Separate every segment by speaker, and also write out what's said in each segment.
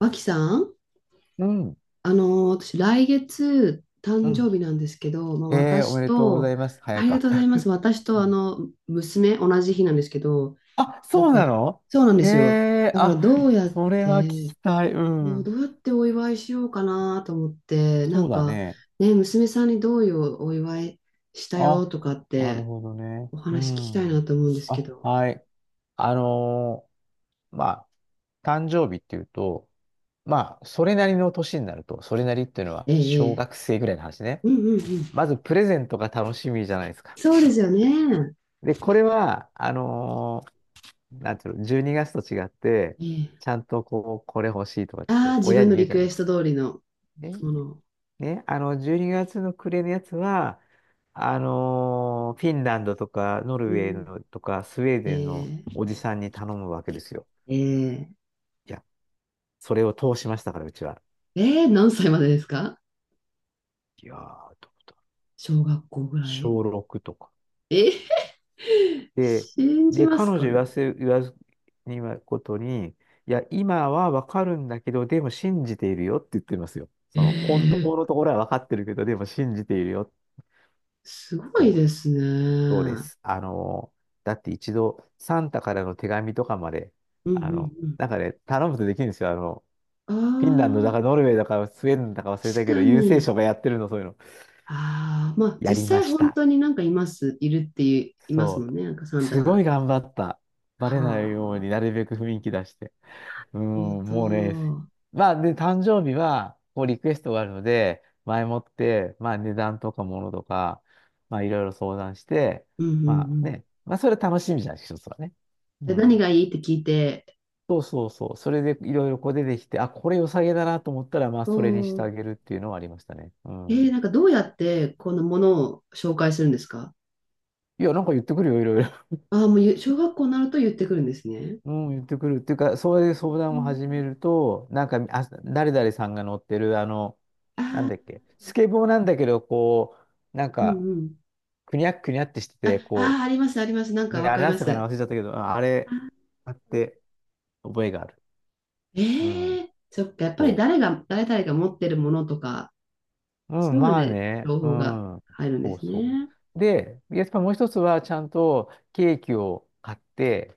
Speaker 1: 脇さん、
Speaker 2: うん、う
Speaker 1: あの私、来月、誕生日
Speaker 2: ん。
Speaker 1: なんですけど、まあ、
Speaker 2: へえ、おめ
Speaker 1: 私
Speaker 2: でとうござ
Speaker 1: と、
Speaker 2: います。
Speaker 1: あ
Speaker 2: 早
Speaker 1: りが
Speaker 2: か。
Speaker 1: とうございます。私
Speaker 2: う
Speaker 1: と、あ
Speaker 2: ん。
Speaker 1: の、娘、同じ日なんですけど、
Speaker 2: あ、
Speaker 1: なん
Speaker 2: そうな
Speaker 1: か、
Speaker 2: の。
Speaker 1: そうなんで
Speaker 2: へ
Speaker 1: すよ。
Speaker 2: え、
Speaker 1: だから、
Speaker 2: あ、それは聞
Speaker 1: て、
Speaker 2: きたい。う
Speaker 1: どう
Speaker 2: ん。
Speaker 1: どうやってお祝いしようかなと思って、な
Speaker 2: そう
Speaker 1: ん
Speaker 2: だ
Speaker 1: か、
Speaker 2: ね。
Speaker 1: ね、娘さんにどういうお祝いしたよ
Speaker 2: あ、
Speaker 1: とかっ
Speaker 2: なる
Speaker 1: て、
Speaker 2: ほどね。
Speaker 1: お
Speaker 2: う
Speaker 1: 話聞きたいな
Speaker 2: ん。
Speaker 1: と思うんですけ
Speaker 2: あ、
Speaker 1: ど。
Speaker 2: はい。あのまあ、誕生日っていうと、まあ、それなりの年になると、それなりっていうのは
Speaker 1: ええ、え
Speaker 2: 小
Speaker 1: え。
Speaker 2: 学生ぐらいの話ね。
Speaker 1: うんうんうん。
Speaker 2: まず、プレゼントが楽しみじゃないですか。
Speaker 1: そうですよね。
Speaker 2: で、これは、なんていうの、12月と違って、
Speaker 1: ええ。
Speaker 2: ちゃんとこう、これ欲しいとかっ
Speaker 1: ああ、
Speaker 2: て、
Speaker 1: 自
Speaker 2: 親
Speaker 1: 分
Speaker 2: に
Speaker 1: の
Speaker 2: 言う
Speaker 1: リ
Speaker 2: じ
Speaker 1: ク
Speaker 2: ゃな
Speaker 1: エ
Speaker 2: いで
Speaker 1: ス
Speaker 2: す
Speaker 1: ト
Speaker 2: か。
Speaker 1: 通りの
Speaker 2: ね、
Speaker 1: もの、
Speaker 2: ね、12月の暮れのやつは、フィンランドとか、ノル
Speaker 1: う
Speaker 2: ウェー
Speaker 1: ん。
Speaker 2: のとか、スウェー
Speaker 1: え
Speaker 2: デンの
Speaker 1: ー、
Speaker 2: おじさんに頼むわけですよ。
Speaker 1: えー、
Speaker 2: いや、それを通しましたから、うちは。
Speaker 1: 何歳までですか？
Speaker 2: いやー、
Speaker 1: 小学校ぐらい。
Speaker 2: 小6とか。
Speaker 1: え、
Speaker 2: で、
Speaker 1: 信じま
Speaker 2: 彼
Speaker 1: す
Speaker 2: 女
Speaker 1: かね。
Speaker 2: 言わずにはことに、いや、今はわかるんだけど、でも信じているよって言ってますよ。
Speaker 1: え
Speaker 2: その、本当
Speaker 1: ー、
Speaker 2: のところはわかってるけど、でも信じているよ。
Speaker 1: すごい
Speaker 2: そう、
Speaker 1: ですね。
Speaker 2: そう
Speaker 1: う
Speaker 2: で
Speaker 1: ん
Speaker 2: す。だって一度、サンタからの手紙とかまで、
Speaker 1: うん
Speaker 2: なんかね、頼むとできるんですよ。
Speaker 1: う
Speaker 2: フィンランド
Speaker 1: ん。
Speaker 2: だ
Speaker 1: あ
Speaker 2: か、
Speaker 1: あ、
Speaker 2: ノルウェーだか、スウェーデンだか忘れ
Speaker 1: 確
Speaker 2: たけど、
Speaker 1: か
Speaker 2: 郵政
Speaker 1: に。
Speaker 2: 省がやってるの、そういうの。
Speaker 1: ああ、まあ
Speaker 2: やり
Speaker 1: 実
Speaker 2: ま
Speaker 1: 際
Speaker 2: し
Speaker 1: 本
Speaker 2: た。
Speaker 1: 当になんかいます、いるっていう、います
Speaker 2: そ
Speaker 1: も
Speaker 2: う。
Speaker 1: んね、なんかサンタ
Speaker 2: す
Speaker 1: さ
Speaker 2: ご
Speaker 1: ん。
Speaker 2: い頑張った。バレないよう
Speaker 1: はあ、
Speaker 2: になるべく雰囲気出して。う
Speaker 1: なる
Speaker 2: ん、
Speaker 1: ほ
Speaker 2: もうね、
Speaker 1: ど。
Speaker 2: まあ、で、誕生日は、こう、リクエストがあるので、前もって、まあ、値段とかものとか、まあ、いろいろ相談して、
Speaker 1: うんうんう
Speaker 2: まあ
Speaker 1: ん。
Speaker 2: ね、まあ、それ楽しみじゃん、一つはね。う
Speaker 1: で、何
Speaker 2: ん。
Speaker 1: がいいって聞いて、
Speaker 2: そうそうそう。それでいろいろこう出てきて、あ、これ良さげだなと思ったら、まあ、
Speaker 1: お
Speaker 2: それにしてあ
Speaker 1: お、
Speaker 2: げるっていうのはありましたね。うん。
Speaker 1: なんかどうやってこのものを紹介するんですか？
Speaker 2: いや、なんか言ってくるよ、いろいろ。
Speaker 1: ああ、もう小学校になると言ってくるんですね。
Speaker 2: うん、言ってくる。っていうか、そういう相
Speaker 1: う
Speaker 2: 談を
Speaker 1: ん
Speaker 2: 始めると、なんか、あ、誰々さんが乗ってる、なんだっけ、スケボーなんだけど、こう、なん
Speaker 1: うん
Speaker 2: か、
Speaker 1: うん。
Speaker 2: くにゃっくにゃってして
Speaker 1: あ、
Speaker 2: て、こ
Speaker 1: ああ、あります、あります。なん
Speaker 2: う、
Speaker 1: か
Speaker 2: ね
Speaker 1: わ
Speaker 2: あ
Speaker 1: か
Speaker 2: れ
Speaker 1: り
Speaker 2: だっ
Speaker 1: ま
Speaker 2: たか
Speaker 1: す。
Speaker 2: な、忘れちゃったけど、ああ
Speaker 1: あ、
Speaker 2: れ、あって覚えがある。う
Speaker 1: え
Speaker 2: ん、
Speaker 1: え、そっか、やっぱり
Speaker 2: そ
Speaker 1: 誰々が持ってるものとか、
Speaker 2: う。う
Speaker 1: そ
Speaker 2: ん、
Speaker 1: ういうの
Speaker 2: まあ
Speaker 1: で
Speaker 2: ね、
Speaker 1: 情
Speaker 2: う
Speaker 1: 報が
Speaker 2: ん、
Speaker 1: 入るんで
Speaker 2: そう
Speaker 1: す
Speaker 2: そ
Speaker 1: ね。
Speaker 2: う。で、やっぱもう一つは、ちゃんとケーキを買って、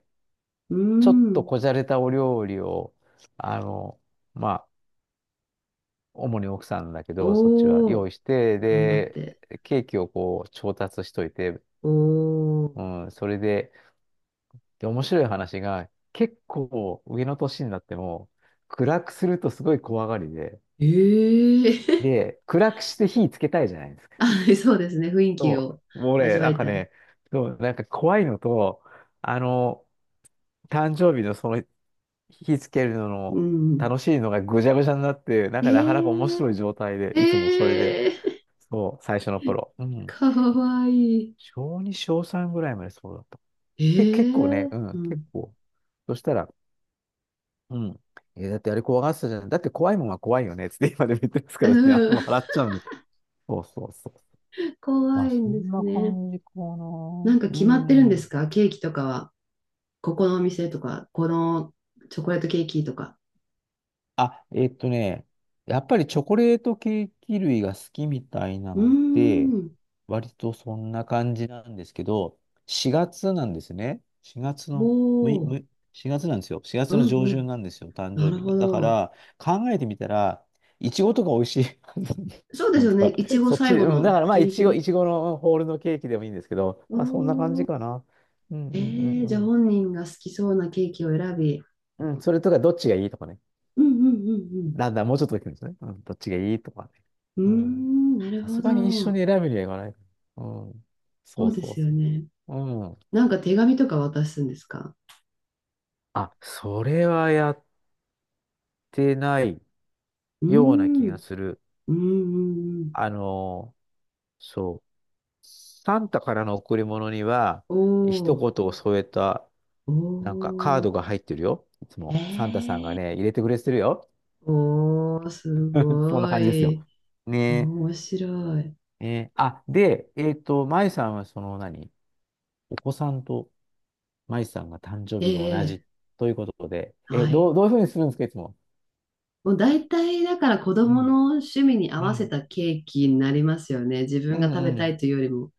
Speaker 1: うー
Speaker 2: ちょっと
Speaker 1: ん。
Speaker 2: こじゃれたお料理を、あの、まあ、主に奥さんだけど、そっちは
Speaker 1: お
Speaker 2: 用
Speaker 1: お、
Speaker 2: 意して、
Speaker 1: 頑張っ
Speaker 2: で、
Speaker 1: て。
Speaker 2: ケーキをこう調達しといて、
Speaker 1: おお。
Speaker 2: うん、それで、で、面白い話が、結構上の年になっても、暗くするとすごい怖がりで、
Speaker 1: ええ
Speaker 2: で、暗くして火つけたいじゃないですか。
Speaker 1: あ、そうですね。雰囲気
Speaker 2: そ
Speaker 1: を
Speaker 2: う、もう
Speaker 1: 味
Speaker 2: ね、
Speaker 1: わ
Speaker 2: なん
Speaker 1: い
Speaker 2: か
Speaker 1: たい。
Speaker 2: ね、そう、なんか怖いのと、あの、誕生日のその火つけるの
Speaker 1: う
Speaker 2: の
Speaker 1: ん。
Speaker 2: 楽しいのがぐちゃぐちゃになって、なん
Speaker 1: え
Speaker 2: かなかなか面白い状態で、
Speaker 1: え、
Speaker 2: いつもそれで、
Speaker 1: ええ
Speaker 2: そう、最初の頃。う ん。
Speaker 1: かわいい。
Speaker 2: 小2、小3ぐらいまでそうだった。
Speaker 1: え
Speaker 2: 結構ね、
Speaker 1: え、
Speaker 2: う
Speaker 1: う
Speaker 2: ん、結
Speaker 1: ん
Speaker 2: 構。そしたら、うん。だってあれ怖がってたじゃん。だって怖いもんは怖いよね。つって今でも言ってますか
Speaker 1: う
Speaker 2: らね。
Speaker 1: ん。
Speaker 2: 笑っちゃうんで。そうそうそう。
Speaker 1: 怖
Speaker 2: ま
Speaker 1: い
Speaker 2: あ、そ
Speaker 1: んで
Speaker 2: ん
Speaker 1: す
Speaker 2: な
Speaker 1: ね。
Speaker 2: 感じかな。
Speaker 1: なんか
Speaker 2: う
Speaker 1: 決まってるんです
Speaker 2: ん。
Speaker 1: か、ケーキとかは？ここのお店とか、このチョコレートケーキとか。
Speaker 2: あ、やっぱりチョコレートケーキ類が好きみたいな
Speaker 1: うー
Speaker 2: ので、
Speaker 1: ん。
Speaker 2: 割とそんな感じなんですけど、4月なんですね。4月の、むい、
Speaker 1: お
Speaker 2: む
Speaker 1: ー。
Speaker 2: い、月なんですよ。4月
Speaker 1: う
Speaker 2: の
Speaker 1: ん
Speaker 2: 上
Speaker 1: う
Speaker 2: 旬
Speaker 1: ん。
Speaker 2: なんですよ、誕
Speaker 1: な
Speaker 2: 生
Speaker 1: る
Speaker 2: 日が。
Speaker 1: ほ
Speaker 2: だか
Speaker 1: ど。
Speaker 2: ら、考えてみたら、いちごとか美味しいはず なんです。
Speaker 1: そうです
Speaker 2: 本
Speaker 1: よ
Speaker 2: 当
Speaker 1: ね。
Speaker 2: は。
Speaker 1: いちご
Speaker 2: そっち
Speaker 1: 最
Speaker 2: で、
Speaker 1: 後
Speaker 2: うん、だ
Speaker 1: の
Speaker 2: からまあ、
Speaker 1: ギ
Speaker 2: い
Speaker 1: リギ
Speaker 2: ちご、い
Speaker 1: リ。
Speaker 2: ちごのホールのケーキでもいいんですけど、
Speaker 1: お
Speaker 2: まあ、そんな感じ
Speaker 1: ー。
Speaker 2: かな。うん、うん、
Speaker 1: え
Speaker 2: うん、
Speaker 1: じゃ
Speaker 2: う
Speaker 1: あ
Speaker 2: ん。
Speaker 1: 本人が好きそうなケーキを選び。
Speaker 2: うん、それとかどっちがいいとかね。
Speaker 1: うんうんうん
Speaker 2: だんだんもうちょっとできるんですね。うん、どっちがいいとかね。
Speaker 1: う
Speaker 2: うん。
Speaker 1: ん。うーん、なる
Speaker 2: さ
Speaker 1: ほ
Speaker 2: すがに一緒
Speaker 1: ど。
Speaker 2: に選ぶにはいかない。うん。
Speaker 1: そ
Speaker 2: そう
Speaker 1: うで
Speaker 2: そう
Speaker 1: す
Speaker 2: そ
Speaker 1: よね。
Speaker 2: う。うん。
Speaker 1: なんか手紙とか渡すんですか？
Speaker 2: あ、それはやってない
Speaker 1: うー
Speaker 2: ような気が
Speaker 1: ん。
Speaker 2: する。
Speaker 1: うんうんうん。
Speaker 2: あのそう。サンタからの贈り物には、
Speaker 1: お
Speaker 2: 一
Speaker 1: ー。
Speaker 2: 言を添えた、
Speaker 1: お
Speaker 2: なんかカー
Speaker 1: ー、
Speaker 2: ドが入ってるよ。いつも。サンタさんが
Speaker 1: ええ、
Speaker 2: ね、入れてくれてるよ。
Speaker 1: おー、す
Speaker 2: そんな
Speaker 1: ご
Speaker 2: 感じですよ。
Speaker 1: い。
Speaker 2: ねえ。
Speaker 1: 面白い。
Speaker 2: あ、で、まゆさんはその何お子さんとマイさんが誕生
Speaker 1: え
Speaker 2: 日が同
Speaker 1: え、
Speaker 2: じということで、え、
Speaker 1: はい。
Speaker 2: どういうふうにするんですか、いつも。
Speaker 1: もう大体、だから子
Speaker 2: う
Speaker 1: 供
Speaker 2: ん。
Speaker 1: の趣味に合
Speaker 2: う
Speaker 1: わせ
Speaker 2: ん。
Speaker 1: たケーキになりますよね。自
Speaker 2: う
Speaker 1: 分が
Speaker 2: ん、
Speaker 1: 食べ
Speaker 2: う
Speaker 1: たい
Speaker 2: ん。
Speaker 1: というよりも。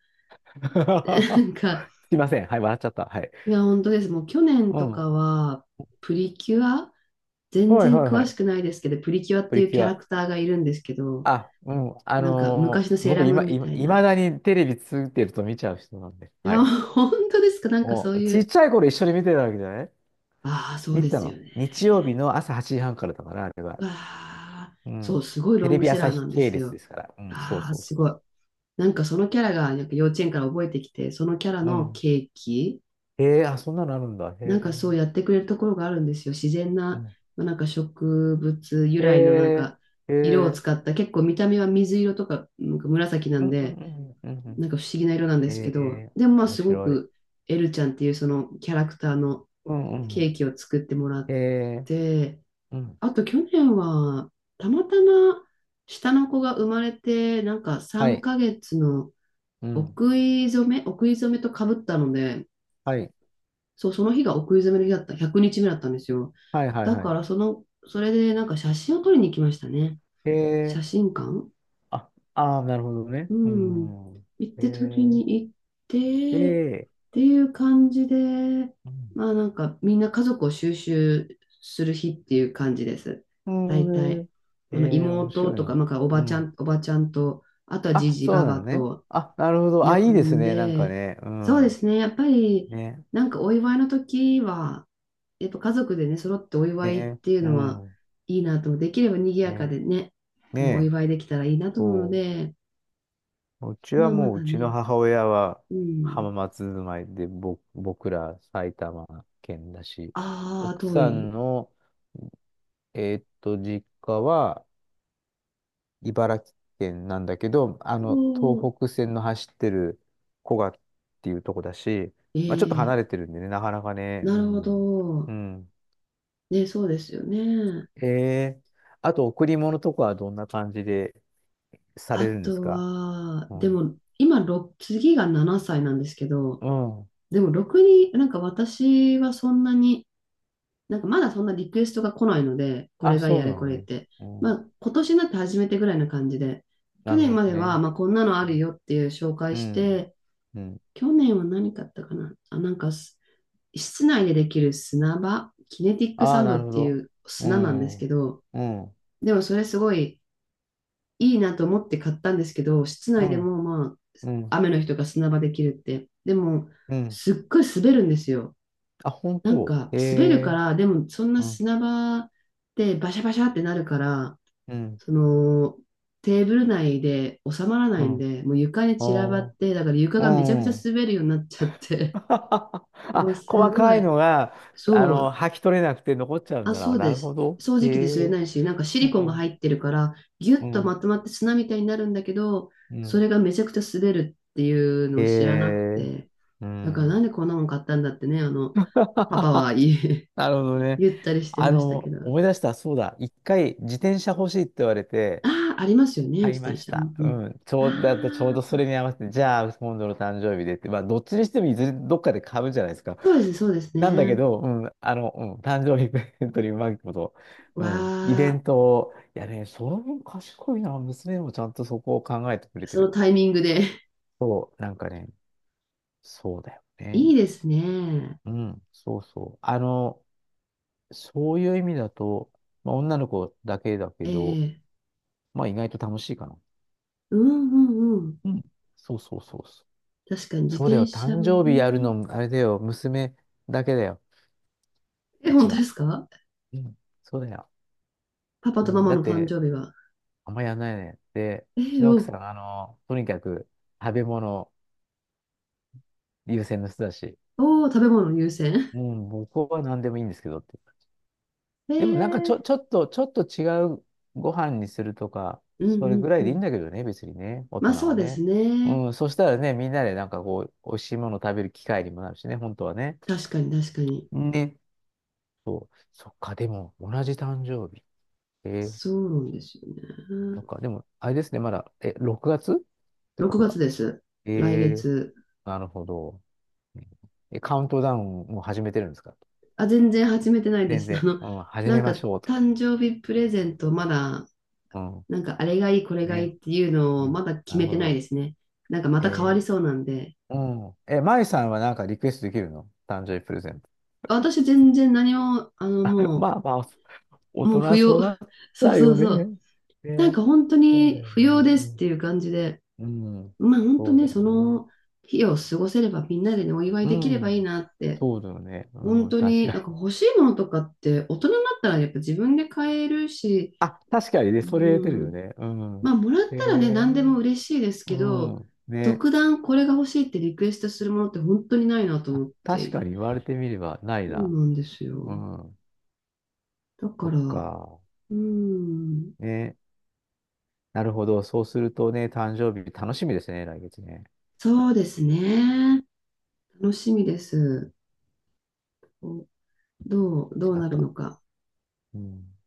Speaker 1: な んか、
Speaker 2: すいません。はい、笑っちゃった。はい。
Speaker 1: いや、本当です。もう去年
Speaker 2: う
Speaker 1: と
Speaker 2: ん。は
Speaker 1: かは、プリキュア
Speaker 2: い、
Speaker 1: 全
Speaker 2: はい、
Speaker 1: 然詳
Speaker 2: は
Speaker 1: しく
Speaker 2: い。
Speaker 1: ないですけど、プリキュアっ
Speaker 2: プ
Speaker 1: てい
Speaker 2: リ
Speaker 1: う
Speaker 2: キ
Speaker 1: キ
Speaker 2: ュ
Speaker 1: ャラ
Speaker 2: ア。
Speaker 1: クターがいるんですけど、
Speaker 2: あ、うん。
Speaker 1: なんか昔のセー
Speaker 2: 僕
Speaker 1: ラームー
Speaker 2: 今、
Speaker 1: ンみたい
Speaker 2: いま
Speaker 1: な。
Speaker 2: だにテレビついてると見ちゃう人なんで。
Speaker 1: い
Speaker 2: は
Speaker 1: や、
Speaker 2: い。
Speaker 1: 本当ですか？なんか
Speaker 2: お、
Speaker 1: そうい
Speaker 2: ちっ
Speaker 1: う、
Speaker 2: ちゃい頃一緒に見てたわけじゃない
Speaker 1: ああ、そう
Speaker 2: 見
Speaker 1: で
Speaker 2: てた
Speaker 1: すよ
Speaker 2: の。日曜日
Speaker 1: ね。
Speaker 2: の朝8時半からだから、あれは。
Speaker 1: うわあ、
Speaker 2: う
Speaker 1: そう、
Speaker 2: ん。
Speaker 1: すごい
Speaker 2: テ
Speaker 1: ロン
Speaker 2: レ
Speaker 1: グ
Speaker 2: ビ
Speaker 1: セラ
Speaker 2: 朝
Speaker 1: ーな
Speaker 2: 日
Speaker 1: んで
Speaker 2: 系
Speaker 1: す
Speaker 2: 列
Speaker 1: よ。
Speaker 2: ですから。うん、そう
Speaker 1: ああ、
Speaker 2: そう
Speaker 1: す
Speaker 2: そう
Speaker 1: ごい。
Speaker 2: そ
Speaker 1: なんかそのキャラがなんか幼稚園から覚えてきて、そのキャラ
Speaker 2: う。う
Speaker 1: の
Speaker 2: ん。
Speaker 1: ケーキ、
Speaker 2: へえ、あ、そんなのあるんだ。へ
Speaker 1: なんか
Speaker 2: え。
Speaker 1: そうやってくれるところがあるんですよ。自然
Speaker 2: う
Speaker 1: な、
Speaker 2: ん、
Speaker 1: まあ、なんか植物由来のなん
Speaker 2: え
Speaker 1: か
Speaker 2: え、
Speaker 1: 色を使
Speaker 2: ええ、
Speaker 1: った、結構見た目は水色とか、なんか紫な
Speaker 2: う
Speaker 1: ん
Speaker 2: ん、う
Speaker 1: で、
Speaker 2: ん、うん、うん、うん、う
Speaker 1: な
Speaker 2: ん。
Speaker 1: んか不思議な色なんで
Speaker 2: え
Speaker 1: すけど、
Speaker 2: え、
Speaker 1: でもまあ
Speaker 2: 面
Speaker 1: すご
Speaker 2: 白い。
Speaker 1: くエルちゃんっていうそのキャラクターの
Speaker 2: うん、う
Speaker 1: ケー
Speaker 2: ん。
Speaker 1: キを作ってもら
Speaker 2: え
Speaker 1: っ
Speaker 2: え、
Speaker 1: て、
Speaker 2: うん。
Speaker 1: あと去年は、たまたま下の子が生まれて、なんか
Speaker 2: は
Speaker 1: 3
Speaker 2: い。
Speaker 1: ヶ月の
Speaker 2: うん。
Speaker 1: お食い初めとかぶったので、
Speaker 2: はい。
Speaker 1: そう、その日がお食い初めの日だった、100日目だったんですよ。
Speaker 2: はい、はい、
Speaker 1: だ
Speaker 2: は
Speaker 1: か
Speaker 2: い。
Speaker 1: ら、その、それでなんか写真を撮りに行きましたね。
Speaker 2: え
Speaker 1: 写
Speaker 2: ー
Speaker 1: 真館、
Speaker 2: あ、あーなるほどね。
Speaker 1: う
Speaker 2: う
Speaker 1: ん。
Speaker 2: ん。
Speaker 1: 行っ
Speaker 2: え
Speaker 1: て取り
Speaker 2: え、
Speaker 1: に行ってっ
Speaker 2: で、
Speaker 1: ていう感じで、
Speaker 2: うん。
Speaker 1: まあなんかみんな家族を収集する日っていう感じです。
Speaker 2: う
Speaker 1: 大
Speaker 2: ん、
Speaker 1: 体。
Speaker 2: えー
Speaker 1: あの
Speaker 2: 面
Speaker 1: 妹
Speaker 2: 白い
Speaker 1: とか、
Speaker 2: な。
Speaker 1: なんか
Speaker 2: うん。
Speaker 1: おばちゃんと、あとはじ
Speaker 2: あ、
Speaker 1: じ
Speaker 2: そ
Speaker 1: ば
Speaker 2: うな
Speaker 1: ば
Speaker 2: のね。
Speaker 1: と
Speaker 2: あ、なるほど。
Speaker 1: 呼
Speaker 2: あ、いいです
Speaker 1: ん
Speaker 2: ね。なんか
Speaker 1: で、
Speaker 2: ね。う
Speaker 1: そうで
Speaker 2: ん。
Speaker 1: すね。やっぱり
Speaker 2: ね。
Speaker 1: なんかお祝いの時は、やっぱ家族でね、揃ってお祝いっ
Speaker 2: ね。
Speaker 1: ていう
Speaker 2: う
Speaker 1: のは
Speaker 2: ん。
Speaker 1: いいなと、できれば賑やか
Speaker 2: ね。
Speaker 1: でね、あのお
Speaker 2: ね。
Speaker 1: 祝いできたらいいなと思うの
Speaker 2: そう。
Speaker 1: で、
Speaker 2: うち
Speaker 1: ま
Speaker 2: は
Speaker 1: あま
Speaker 2: もう、う
Speaker 1: だ
Speaker 2: ちの
Speaker 1: ね。
Speaker 2: 母親は
Speaker 1: う
Speaker 2: 浜
Speaker 1: ん。
Speaker 2: 松住まいで、僕ら埼玉県だし、
Speaker 1: ああ、
Speaker 2: 奥
Speaker 1: 遠
Speaker 2: さん
Speaker 1: い。
Speaker 2: の、実家は茨城県なんだけど、
Speaker 1: こう、
Speaker 2: 東北線の走ってる古河っていうとこだし、
Speaker 1: え
Speaker 2: まあ、ちょっと離
Speaker 1: え、
Speaker 2: れてるんでね、なかなかね、
Speaker 1: な
Speaker 2: う
Speaker 1: るほ
Speaker 2: ん。う
Speaker 1: ど。
Speaker 2: ん。
Speaker 1: ね、そうですよね。
Speaker 2: ええ、あと、贈り物とかはどんな感じでされ
Speaker 1: あ
Speaker 2: るんです
Speaker 1: と
Speaker 2: か。
Speaker 1: は、
Speaker 2: う
Speaker 1: で
Speaker 2: ん。
Speaker 1: も、今、ろく次が7歳なんですけど、
Speaker 2: うん。
Speaker 1: でも、ろくに、なんか私はそんなに、なんかまだそんなリクエストが来ないので、こ
Speaker 2: あ、
Speaker 1: れが
Speaker 2: そ
Speaker 1: や
Speaker 2: う
Speaker 1: れ
Speaker 2: な
Speaker 1: こ
Speaker 2: の
Speaker 1: れっ
Speaker 2: ね。
Speaker 1: て。
Speaker 2: う
Speaker 1: ま
Speaker 2: ん。
Speaker 1: あ、今年になって初めてぐらいな感じで、去
Speaker 2: なる
Speaker 1: 年
Speaker 2: ほ
Speaker 1: ま
Speaker 2: ど
Speaker 1: では、
Speaker 2: ね。
Speaker 1: まあ、こんなのあるよっていう紹介
Speaker 2: う
Speaker 1: し
Speaker 2: ん。
Speaker 1: て、
Speaker 2: うん。
Speaker 1: 去年は何買ったかなあ、なんか、室内でできる砂場、キネティック
Speaker 2: あ
Speaker 1: サ
Speaker 2: あ、
Speaker 1: ン
Speaker 2: な
Speaker 1: ド
Speaker 2: る
Speaker 1: っ
Speaker 2: ほ
Speaker 1: てい
Speaker 2: ど。
Speaker 1: う
Speaker 2: う
Speaker 1: 砂なんで
Speaker 2: ん。
Speaker 1: す
Speaker 2: う
Speaker 1: け
Speaker 2: ん。
Speaker 1: ど、でもそれすごいいいなと思って買ったんですけど、室
Speaker 2: う
Speaker 1: 内で
Speaker 2: ん。
Speaker 1: もま
Speaker 2: うん。
Speaker 1: あ、雨の日とか砂場できるって。でも、
Speaker 2: うん。
Speaker 1: すっごい滑るんですよ。
Speaker 2: あ、本
Speaker 1: なん
Speaker 2: 当。
Speaker 1: か、
Speaker 2: え
Speaker 1: 滑るか
Speaker 2: え。
Speaker 1: ら、でもそんな
Speaker 2: うん。
Speaker 1: 砂場でバシャバシャってなるから、
Speaker 2: うん。
Speaker 1: その、テーブル内で収まらな
Speaker 2: う
Speaker 1: いん
Speaker 2: ん。
Speaker 1: で、もう床に散らばっ
Speaker 2: あ
Speaker 1: て、だから床
Speaker 2: あ。う
Speaker 1: がめちゃくちゃ
Speaker 2: ん。
Speaker 1: 滑るようになっちゃって、もう
Speaker 2: あ、細
Speaker 1: すご
Speaker 2: かい
Speaker 1: い。
Speaker 2: のが、
Speaker 1: そう、
Speaker 2: 剥き取れなくて残っちゃうん
Speaker 1: あ、
Speaker 2: だ
Speaker 1: そ
Speaker 2: な。
Speaker 1: う
Speaker 2: な
Speaker 1: で
Speaker 2: るほ
Speaker 1: す。
Speaker 2: ど。
Speaker 1: 掃
Speaker 2: へ
Speaker 1: 除機で吸え
Speaker 2: え。
Speaker 1: ないし、なんかシ
Speaker 2: う
Speaker 1: リコンが
Speaker 2: ん。
Speaker 1: 入ってるから、ギュ
Speaker 2: う
Speaker 1: ッとま
Speaker 2: ん。
Speaker 1: とまって砂みたいになるんだけど、
Speaker 2: う
Speaker 1: そ
Speaker 2: ん。
Speaker 1: れがめちゃくちゃ滑るっていうの
Speaker 2: へ
Speaker 1: を知らなく
Speaker 2: え。
Speaker 1: て、
Speaker 2: う
Speaker 1: だからなん
Speaker 2: ん。
Speaker 1: でこんなもん買ったんだってね、あの、パパは
Speaker 2: なるほど ね。
Speaker 1: 言ったりしてましたけど。
Speaker 2: 思い出した、そうだ。一回自転車欲しいって言われて、
Speaker 1: ああ、ありますよね、
Speaker 2: 買
Speaker 1: 自
Speaker 2: いま
Speaker 1: 転
Speaker 2: し
Speaker 1: 車。う
Speaker 2: た。
Speaker 1: んう
Speaker 2: う
Speaker 1: ん。
Speaker 2: ん。ちょう、だってちょう
Speaker 1: あ
Speaker 2: どそ
Speaker 1: あ、
Speaker 2: れに合わせて、じゃあ、今度の誕生日でって、まあ、どっちにしてもいずれどっかで買うじゃないですか。
Speaker 1: そうです、そうです
Speaker 2: なんだけ
Speaker 1: ね。
Speaker 2: ど、うん、うん、誕生日プレゼントにうまいこと、う
Speaker 1: わ
Speaker 2: ん、イベ
Speaker 1: あ、
Speaker 2: ントを、いやね、その分賢いな、娘もちゃんとそこを考えてくれて
Speaker 1: そ
Speaker 2: る
Speaker 1: の
Speaker 2: っ
Speaker 1: タ
Speaker 2: て。
Speaker 1: イミングで
Speaker 2: そう、なんかね、そうだよ ね。
Speaker 1: いいですね。
Speaker 2: うん、そうそう。そういう意味だと、まあ、女の子だけだけ
Speaker 1: え
Speaker 2: ど、
Speaker 1: え、
Speaker 2: まあ、意外と楽しいかな。
Speaker 1: うんうんうん。
Speaker 2: うん、そうそうそうそう。
Speaker 1: 確かに自
Speaker 2: そうだ
Speaker 1: 転
Speaker 2: よ。
Speaker 1: 車
Speaker 2: 誕
Speaker 1: も
Speaker 2: 生日やる
Speaker 1: ね。
Speaker 2: の、あれだよ。娘だけだよ。
Speaker 1: え、
Speaker 2: う
Speaker 1: 本
Speaker 2: ち
Speaker 1: 当で
Speaker 2: は。
Speaker 1: すか？
Speaker 2: うん。そうだよ。
Speaker 1: パパ
Speaker 2: う
Speaker 1: とマ
Speaker 2: ん、
Speaker 1: マ
Speaker 2: だっ
Speaker 1: の誕
Speaker 2: て、
Speaker 1: 生日は？
Speaker 2: あんまやんないね。で、
Speaker 1: え
Speaker 2: う
Speaker 1: ー、
Speaker 2: ちの奥さ
Speaker 1: よ。
Speaker 2: んは、とにかく食べ物優先の人だし、
Speaker 1: おお、食べ物優先。
Speaker 2: うん、僕は何でもいいんですけどって。
Speaker 1: え
Speaker 2: でもなんか
Speaker 1: ー、
Speaker 2: ちょっと違うご飯にするとか、
Speaker 1: うんう
Speaker 2: それぐ
Speaker 1: ん
Speaker 2: らい
Speaker 1: う
Speaker 2: でいいん
Speaker 1: ん。
Speaker 2: だけどね、別にね、大
Speaker 1: まあ
Speaker 2: 人
Speaker 1: そう
Speaker 2: は
Speaker 1: です
Speaker 2: ね。
Speaker 1: ね。
Speaker 2: うん、そしたらね、みんなでなんかこう、美味しいもの食べる機会にもなるしね、本当はね。
Speaker 1: 確かに確かに。
Speaker 2: ね。そう。そっか、でも、同じ誕生日。えー
Speaker 1: そうなんですよね。
Speaker 2: なんか、でも、あれですね、まだ、え、6月ってこ
Speaker 1: 6
Speaker 2: とは。
Speaker 1: 月です。
Speaker 2: え
Speaker 1: 来
Speaker 2: ー、
Speaker 1: 月。
Speaker 2: なるほど。え、カウントダウンもう始めてるんですか。
Speaker 1: あ、全然始めてないで
Speaker 2: 全
Speaker 1: す。あ
Speaker 2: 然。
Speaker 1: の、
Speaker 2: うん、始
Speaker 1: な
Speaker 2: め
Speaker 1: んか
Speaker 2: ましょうとか。
Speaker 1: 誕生日プレゼントまだ、
Speaker 2: うん。
Speaker 1: なんかあれがいい、これがい
Speaker 2: ね。
Speaker 1: いっていうのを
Speaker 2: ね。
Speaker 1: まだ決
Speaker 2: なる
Speaker 1: めて
Speaker 2: ほ
Speaker 1: ないで
Speaker 2: ど。
Speaker 1: すね。なんかま
Speaker 2: え
Speaker 1: た変わり
Speaker 2: ー、
Speaker 1: そうなんで。
Speaker 2: うん。え、マイさんはなんかリクエストできるの誕生日プレゼント。
Speaker 1: 私全然何も、あの、
Speaker 2: まあまあ、大
Speaker 1: も
Speaker 2: 人
Speaker 1: う不
Speaker 2: は
Speaker 1: 要。
Speaker 2: そうな っち
Speaker 1: そう
Speaker 2: ゃう
Speaker 1: そう
Speaker 2: よ
Speaker 1: そう。
Speaker 2: ね。
Speaker 1: なん
Speaker 2: ね。
Speaker 1: か本当
Speaker 2: そうだ
Speaker 1: に
Speaker 2: よ
Speaker 1: 不要
Speaker 2: ね。
Speaker 1: ですっていう感じで、
Speaker 2: うん。うん。
Speaker 1: まあ本当
Speaker 2: そうだ
Speaker 1: ね、
Speaker 2: よ
Speaker 1: そ
Speaker 2: ね。
Speaker 1: の日を過ごせればみんなでね、お祝い
Speaker 2: う
Speaker 1: できればいい
Speaker 2: ん。
Speaker 1: なって、
Speaker 2: そうだよね。
Speaker 1: 本
Speaker 2: うん。
Speaker 1: 当
Speaker 2: 確
Speaker 1: に
Speaker 2: か
Speaker 1: なんか
Speaker 2: に。
Speaker 1: 欲しいものとかって大人になったらやっぱ自分で買えるし、
Speaker 2: あ、確かにね、
Speaker 1: う
Speaker 2: それ出てるよ
Speaker 1: ん、
Speaker 2: ね。う
Speaker 1: ま
Speaker 2: ん。
Speaker 1: あもらっ
Speaker 2: へ
Speaker 1: たらね、
Speaker 2: え、
Speaker 1: 何でも嬉しいです
Speaker 2: う
Speaker 1: けど、
Speaker 2: ん。ね。
Speaker 1: 特段これが欲しいってリクエストするものって本当にないなと
Speaker 2: あ、
Speaker 1: 思っ
Speaker 2: 確か
Speaker 1: て、
Speaker 2: に言われてみればない
Speaker 1: そう
Speaker 2: な。
Speaker 1: なんです
Speaker 2: う
Speaker 1: よ。
Speaker 2: ん。
Speaker 1: だ
Speaker 2: そ
Speaker 1: か
Speaker 2: っ
Speaker 1: ら、
Speaker 2: か。
Speaker 1: うん、
Speaker 2: ね。なるほど。そうするとね、誕生日楽しみですね、来月ね。
Speaker 1: そうですね。楽しみです。どう
Speaker 2: 違っ
Speaker 1: なる
Speaker 2: た。
Speaker 1: のか。
Speaker 2: うん。